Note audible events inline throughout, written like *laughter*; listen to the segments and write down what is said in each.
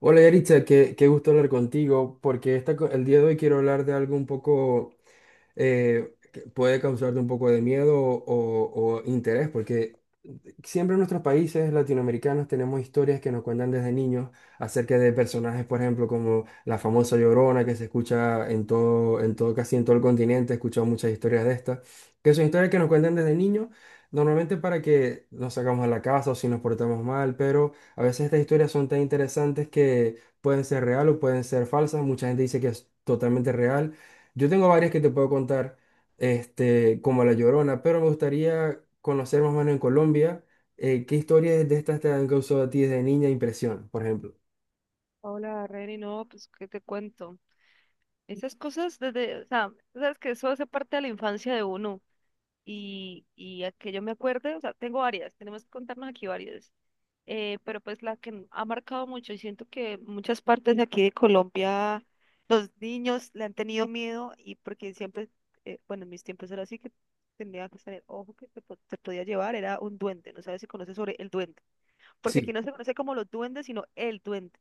Hola Yaritza, qué gusto hablar contigo, porque el día de hoy quiero hablar de algo un poco que puede causarte un poco de miedo o interés, porque siempre en nuestros países latinoamericanos tenemos historias que nos cuentan desde niños acerca de personajes, por ejemplo, como la famosa Llorona que se escucha en todo, casi en todo el continente, he escuchado muchas historias de estas, que son historias que nos cuentan desde niños, normalmente para que nos sacamos de la casa o si nos portamos mal, pero a veces estas historias son tan interesantes que pueden ser real o pueden ser falsas, mucha gente dice que es totalmente real. Yo tengo varias que te puedo contar, este, como La Llorona, pero me gustaría conocer más o menos en Colombia, ¿qué historias de estas te han causado a ti desde niña impresión, por ejemplo? Hola, Reni, no, pues, ¿qué te cuento? Esas cosas desde, o sea, tú sabes que eso hace parte de la infancia de uno y a que yo me acuerde, o sea, tengo varias, tenemos que contarnos aquí varias, pero pues la que ha marcado mucho y siento que en muchas partes de aquí de Colombia los niños le han tenido miedo y porque siempre, bueno, en mis tiempos era así que tenía que tener ojo que te, te podía llevar, era un duende, no sabes si conoces sobre el duende, porque aquí Sí, no se conoce como los duendes, sino el duende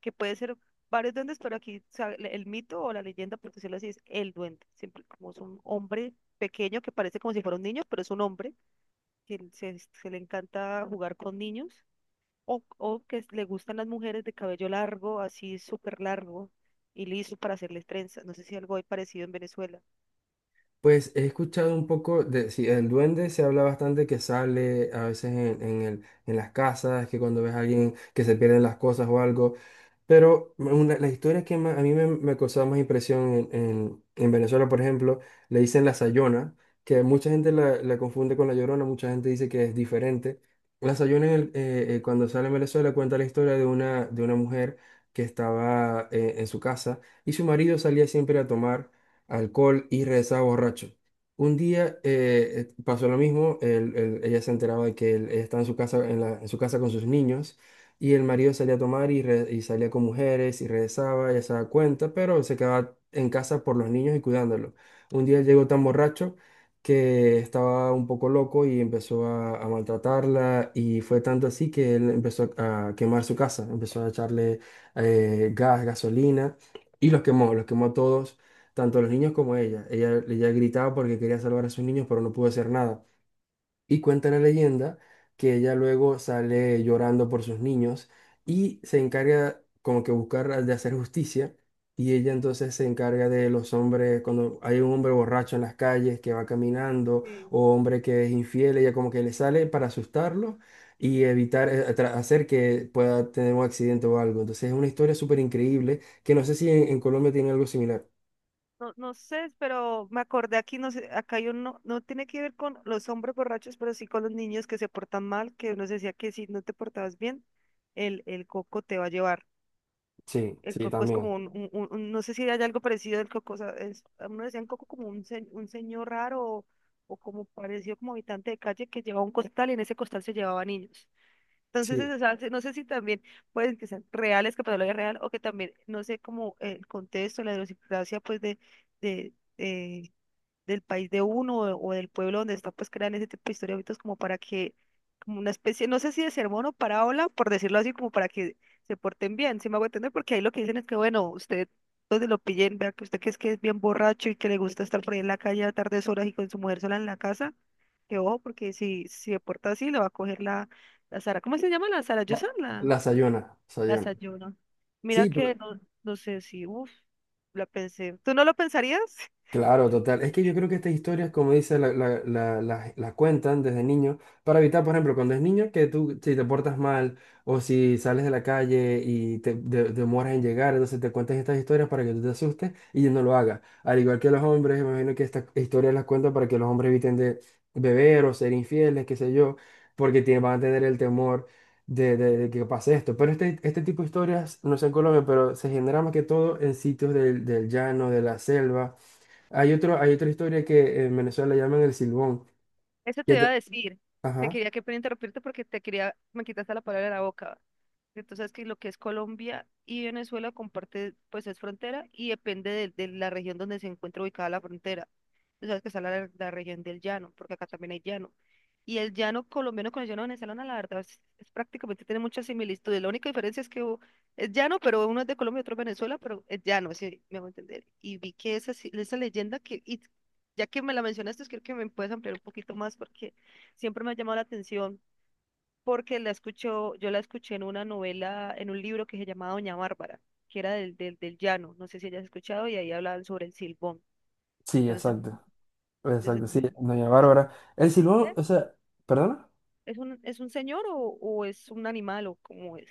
que puede ser varios duendes, pero aquí o sea, el mito o la leyenda, por decirlo así, es el duende. Siempre como es un hombre pequeño que parece como si fuera un niño, pero es un hombre que se le encanta jugar con niños o que le gustan las mujeres de cabello largo, así súper largo y liso para hacerles trenzas. No sé si algo hay parecido en Venezuela. pues he escuchado un poco de, sí, el duende se habla bastante que sale a veces en el, en las casas, que cuando ves a alguien que se pierden las cosas o algo. La historia que a mí me causaba más impresión en, en Venezuela, por ejemplo, le dicen la Sayona, que mucha gente la confunde con la Llorona, mucha gente dice que es diferente. La Sayona, en cuando sale en Venezuela, cuenta la historia de una mujer que estaba en su casa y su marido salía siempre a tomar alcohol y regresaba borracho. Un día pasó lo mismo, ella se enteraba de que él estaba en su casa, en en su casa con sus niños. Y el marido salía a tomar y y salía con mujeres y regresaba, ella se daba cuenta, pero se quedaba en casa por los niños y cuidándolos. Un día él llegó tan borracho que estaba un poco loco y empezó a maltratarla y fue tanto así que él empezó a quemar su casa, empezó a echarle gasolina y los quemó a todos, tanto a los niños como a ella. Ella gritaba porque quería salvar a sus niños, pero no pudo hacer nada. Y cuenta la leyenda que ella luego sale llorando por sus niños y se encarga como que buscar de hacer justicia. Y ella entonces se encarga de los hombres, cuando hay un hombre borracho en las calles que va caminando Sí. o hombre que es infiel, ella como que le sale para asustarlo y evitar, hacer que pueda tener un accidente o algo. Entonces es una historia súper increíble que no sé si en, en Colombia tiene algo similar. No, no sé, pero me acordé aquí, no sé, acá hay uno, no tiene que ver con los hombres borrachos, pero sí con los niños que se portan mal, que uno decía que si no te portabas bien, el coco te va a llevar. Sí, El sí, coco es también. como un, no sé si hay algo parecido del coco, o sea, es, a uno decían coco como un, un señor raro o como parecido como habitante de calle que llevaba un costal y en ese costal se llevaba niños. Entonces, Sí, eso, o sea, no sé si también pueden que sean reales, que patología real, o que también, no sé, como el contexto, la idiosincrasia, pues, de, eh, del país de uno o del pueblo donde está, pues crean ese tipo de historias ahorita como para que, como una especie, no sé si de sermón o parábola, por decirlo así, como para que se porten bien, si me hago entender, porque ahí lo que dicen es que, bueno, usted, donde lo pillen, vea que usted que es bien borracho y que le gusta estar por ahí en la calle a tardes horas y con su mujer sola en la casa, que ojo, porque si se porta así, le va a coger la, la Sara, ¿cómo se llama la Sara? Yo la, soy la, la Sayona, la Sayona. Sayuna. Mira Sí, pero que no, no sé si, uff, la pensé. ¿Tú no lo pensarías? claro, total. Es que yo creo que estas historias, como dice, las cuentan desde niño para evitar, por ejemplo, cuando es niño, que tú, si te portas mal o si sales de la calle y te demoras en llegar, entonces te cuentan estas historias para que tú te asustes y no lo hagas. Al igual que los hombres, me imagino que estas historias las cuentan para que los hombres eviten de beber o ser infieles, qué sé yo, porque van a tener el temor de, de que pase esto. Pero este tipo de historias, no sé en Colombia, pero se genera más que todo en sitios del, del llano, de la selva. Hay otro, hay otra historia que en Venezuela llaman el silbón. Eso que te iba a ta- decir. Te Ajá. quería que pena interrumpirte porque te quería, me quitaste la palabra de la boca. Entonces, que lo que es Colombia y Venezuela comparte, pues es frontera y depende de la región donde se encuentra ubicada la frontera. Tú sabes que está la, la región del llano, porque acá también hay llano. Y el llano colombiano con el llano venezolano, la verdad, es prácticamente tiene muchas similitudes. La única diferencia es que es llano, pero uno es de Colombia y otro es Venezuela, pero es llano, si me hago entender. Y vi que esa, esa leyenda que, y ya que me la mencionaste, creo que me puedes ampliar un poquito más porque siempre me ha llamado la atención, porque la escucho, yo la escuché en una novela, en un libro que se llamaba Doña Bárbara, que era del llano, no sé si hayas escuchado, y ahí hablaban sobre el silbón. Sí, Entonces, exacto. Exacto, sí, doña Bárbara. El silbón, o ese- sea, ¿perdona? Es un señor o es un animal o cómo es?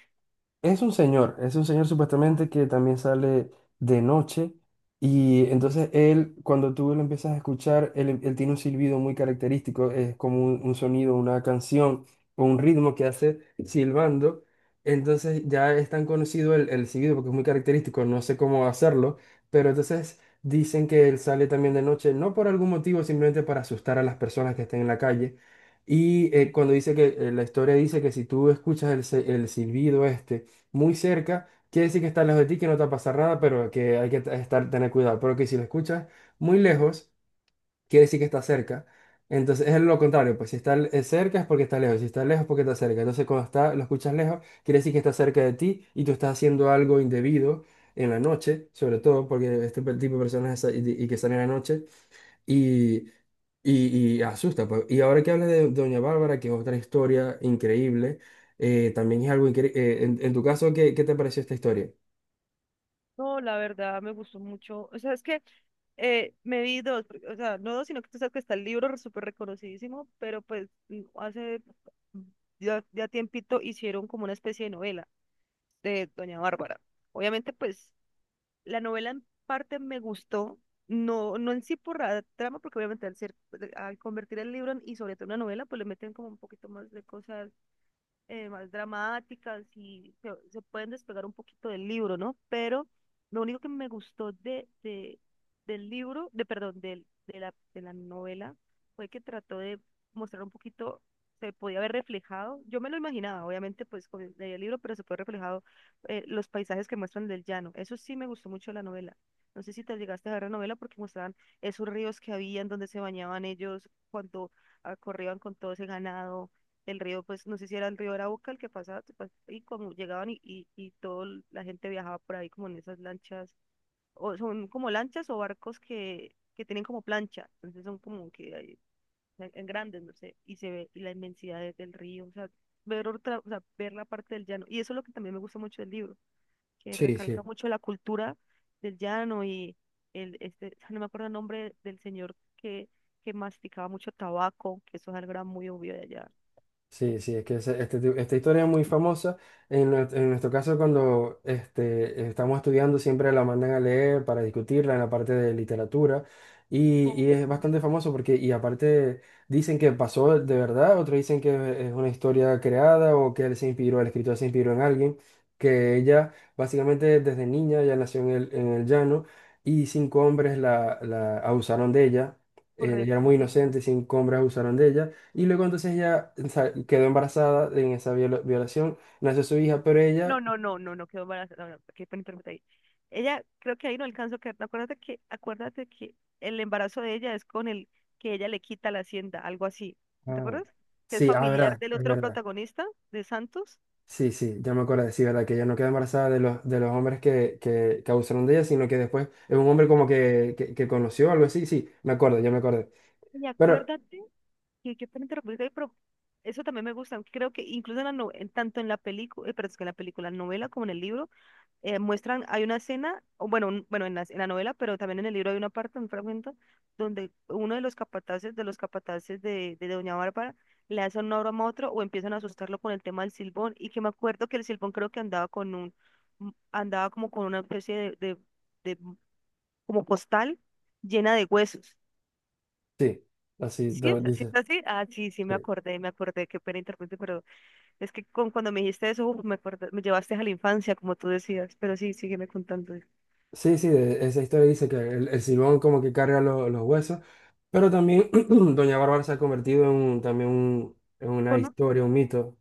Es un señor supuestamente que también sale de noche y entonces él, cuando tú lo empiezas a escuchar, él tiene un silbido muy característico, es como un sonido, una canción o un ritmo que hace silbando. Entonces ya es tan conocido el silbido porque es muy característico, no sé cómo hacerlo, pero entonces dicen que él sale también de noche, no por algún motivo, simplemente para asustar a las personas que estén en la calle. Y cuando dice que la historia dice que si tú escuchas el silbido este, muy cerca, quiere decir que está lejos de ti, que no te va a pasar nada, pero que hay que estar, tener cuidado. Pero que si lo escuchas muy lejos, quiere decir que está cerca. Entonces es lo contrario, pues si está cerca es porque está lejos, si está lejos es porque está cerca. Entonces cuando está, lo escuchas lejos, quiere decir que está cerca de ti y tú estás haciendo algo indebido en la noche, sobre todo porque este tipo de personas que salen en la noche. Y, y asusta, pues. Y ahora que hablas de Doña Bárbara, que es otra historia increíble, también es algo increíble. En tu caso, ¿qué te pareció esta historia? No, la verdad me gustó mucho. O sea, es que me vi dos, porque- o sea, no dos, sino que tú sabes que está el libro súper reconocidísimo, pero pues hace mm, ya, ya tiempito hicieron como una especie de novela de Doña Bárbara. Obviamente, pues la novela en parte me gustó, no, no en sí por la trama, porque obviamente al ser, al convertir el libro y sobre todo en una novela, pues le meten como un poquito más de cosas más dramáticas y se pueden despegar un poquito del libro, ¿no? Pero lo único que me gustó del libro, de, perdón, de la novela, fue que trató de mostrar un poquito, se podía haber reflejado, yo me lo imaginaba, obviamente, pues con el, leí el libro, pero se puede reflejado los paisajes que muestran del llano. Eso sí me gustó mucho de la novela. No sé si te llegaste a ver la novela porque mostraban esos ríos que habían donde se bañaban ellos cuando ah, corrían con todo ese ganado el río, pues no sé si era el río Arauca el que pasaba, y como llegaban y toda la gente viajaba por ahí como en esas lanchas, o son como lanchas o barcos que tienen como plancha, entonces son como que en grandes, no sé, y se ve la inmensidad del río, o sea, ver otra, o sea, ver la parte del llano, y eso es lo que también me gusta mucho del libro, que Sí, recalca sí. mucho la cultura del llano y el, este, no me acuerdo el nombre del señor que masticaba mucho tabaco, que eso es algo que era muy obvio de allá. Sí, sí, es que esta historia es muy famosa. En, en nuestro caso, cuando este, estamos estudiando, siempre la mandan a leer para discutirla en la parte de literatura. Ok. Y es bastante famoso porque, y aparte, dicen que pasó de verdad, otros dicen que es una historia creada o que él se inspiró, el escritor se inspiró en alguien, que ella básicamente desde niña ya nació en el llano y cinco hombres la abusaron de ella. Ella era Correcto. muy Sí. inocente, cinco hombres abusaron de ella. Y luego entonces ella, o sea, quedó embarazada en esa violación, nació su hija, pero No, ella... no, no, no, no quedó embarazada. No, no, qué pena interrumpirte ahí. Ella, creo que ahí no alcanzó a quedar. Acuérdate que el embarazo de ella es con el que ella le quita la hacienda, algo así. ¿No te Ah. acuerdas? Que es Sí, ah, familiar verdad, del es otro verdad. protagonista, de Santos. Sí, sí, ya me acuerdo, sí, verdad, que ella no queda embarazada de los hombres que abusaron de ella, sino que después es un hombre como que, que conoció, algo así, sí, me acuerdo, ya me acordé. Y Pero acuérdate que qué pena interrumpirte ahí, pero eso también me gusta. Creo que incluso en la tanto en la película, pero es que en la película, en la novela como en el libro, muestran, hay una escena, o bueno, bueno, en la novela, pero también en el libro hay una parte, un fragmento, donde uno de los capataces, de los capataces de Doña Bárbara, le hace una broma a otro o empiezan a asustarlo con el tema del silbón, y que me acuerdo que el silbón creo que andaba con un, andaba como con una especie de mm, como postal llena de huesos. sí, así ¿Sí? lo ¿Sí es dice. así? Ah, sí, sí, Sí, me acordé, qué pena interrumpirte, pero es que con, cuando me dijiste eso, uf, me acordé, me llevaste a la infancia, como tú decías, pero sí, sígueme contando. sí, sí, esa historia dice que el Silbón como que carga los huesos, pero también *clears throat* Doña Bárbara se ha convertido en en una historia, un mito.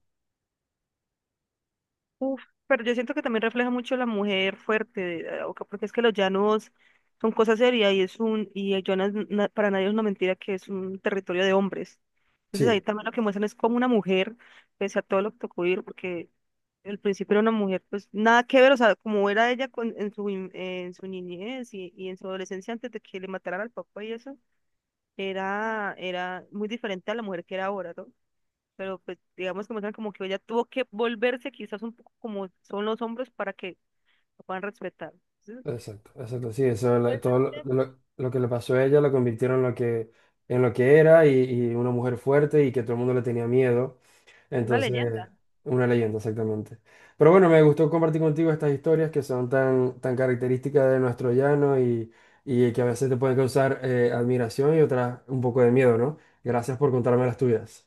Uf, pero yo siento que también refleja mucho la mujer fuerte, o que- porque es que los llanos son cosa seria y es un, y el llanos para nadie es una mentira que es un territorio de hombres. Entonces ahí Sí. también lo que muestran es como una mujer, pese a todo lo que tocó vivir, porque al principio era una mujer, pues nada que ver, o sea, como era ella en su niñez y en su adolescencia antes de que le mataran al papá y eso, era, era muy diferente a la mujer que era ahora, ¿no? Pero pues digamos que muestran como que ella tuvo que volverse quizás un poco como son los hombres para que lo puedan respetar. Entonces, Exacto, exacto, sí, eso, puede ser todo lo, que lo que le pasó a ella la convirtieron en lo que era y una mujer fuerte y que todo el mundo le tenía miedo. una Entonces, leyenda. una leyenda, exactamente. Pero bueno, me gustó compartir contigo estas historias que son tan, tan características de nuestro llano y que a veces te pueden causar admiración y otras un poco de miedo, ¿no? Gracias por contarme las tuyas.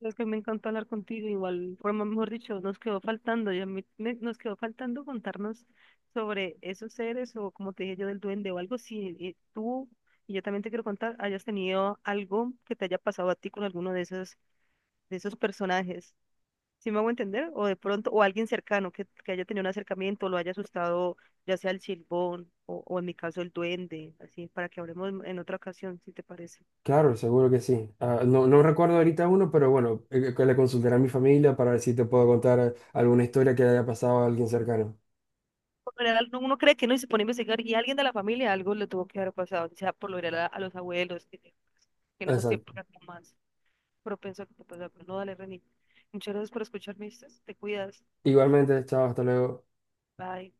Es que me encantó hablar contigo, igual forma, mejor dicho, nos quedó faltando, y a mí nos quedó faltando contarnos sobre esos seres o como te dije yo del duende o algo, si tú, y yo también te quiero contar, hayas tenido algo que te haya pasado a ti con alguno de esos personajes. ¿Si me hago entender? O de pronto, o alguien cercano que haya tenido un acercamiento, lo haya asustado, ya sea el silbón o en mi caso el duende, así, para que hablemos en otra ocasión, si te parece. Claro, seguro que sí. Ah, no, no recuerdo ahorita uno, pero bueno, que le consultaré a mi familia para ver si te puedo contar alguna historia que haya pasado a alguien cercano. Por lo general, no- uno cree que no y se pone a investigar y alguien de la familia algo le tuvo que haber pasado, o sea por lo general a los abuelos, que en esos Exacto. tiempos eran como más propenso a que te pasara. Pero no, dale, Reni. Muchas gracias por escucharme, ¿viste? Te cuidas. Igualmente, chao, hasta luego. Bye.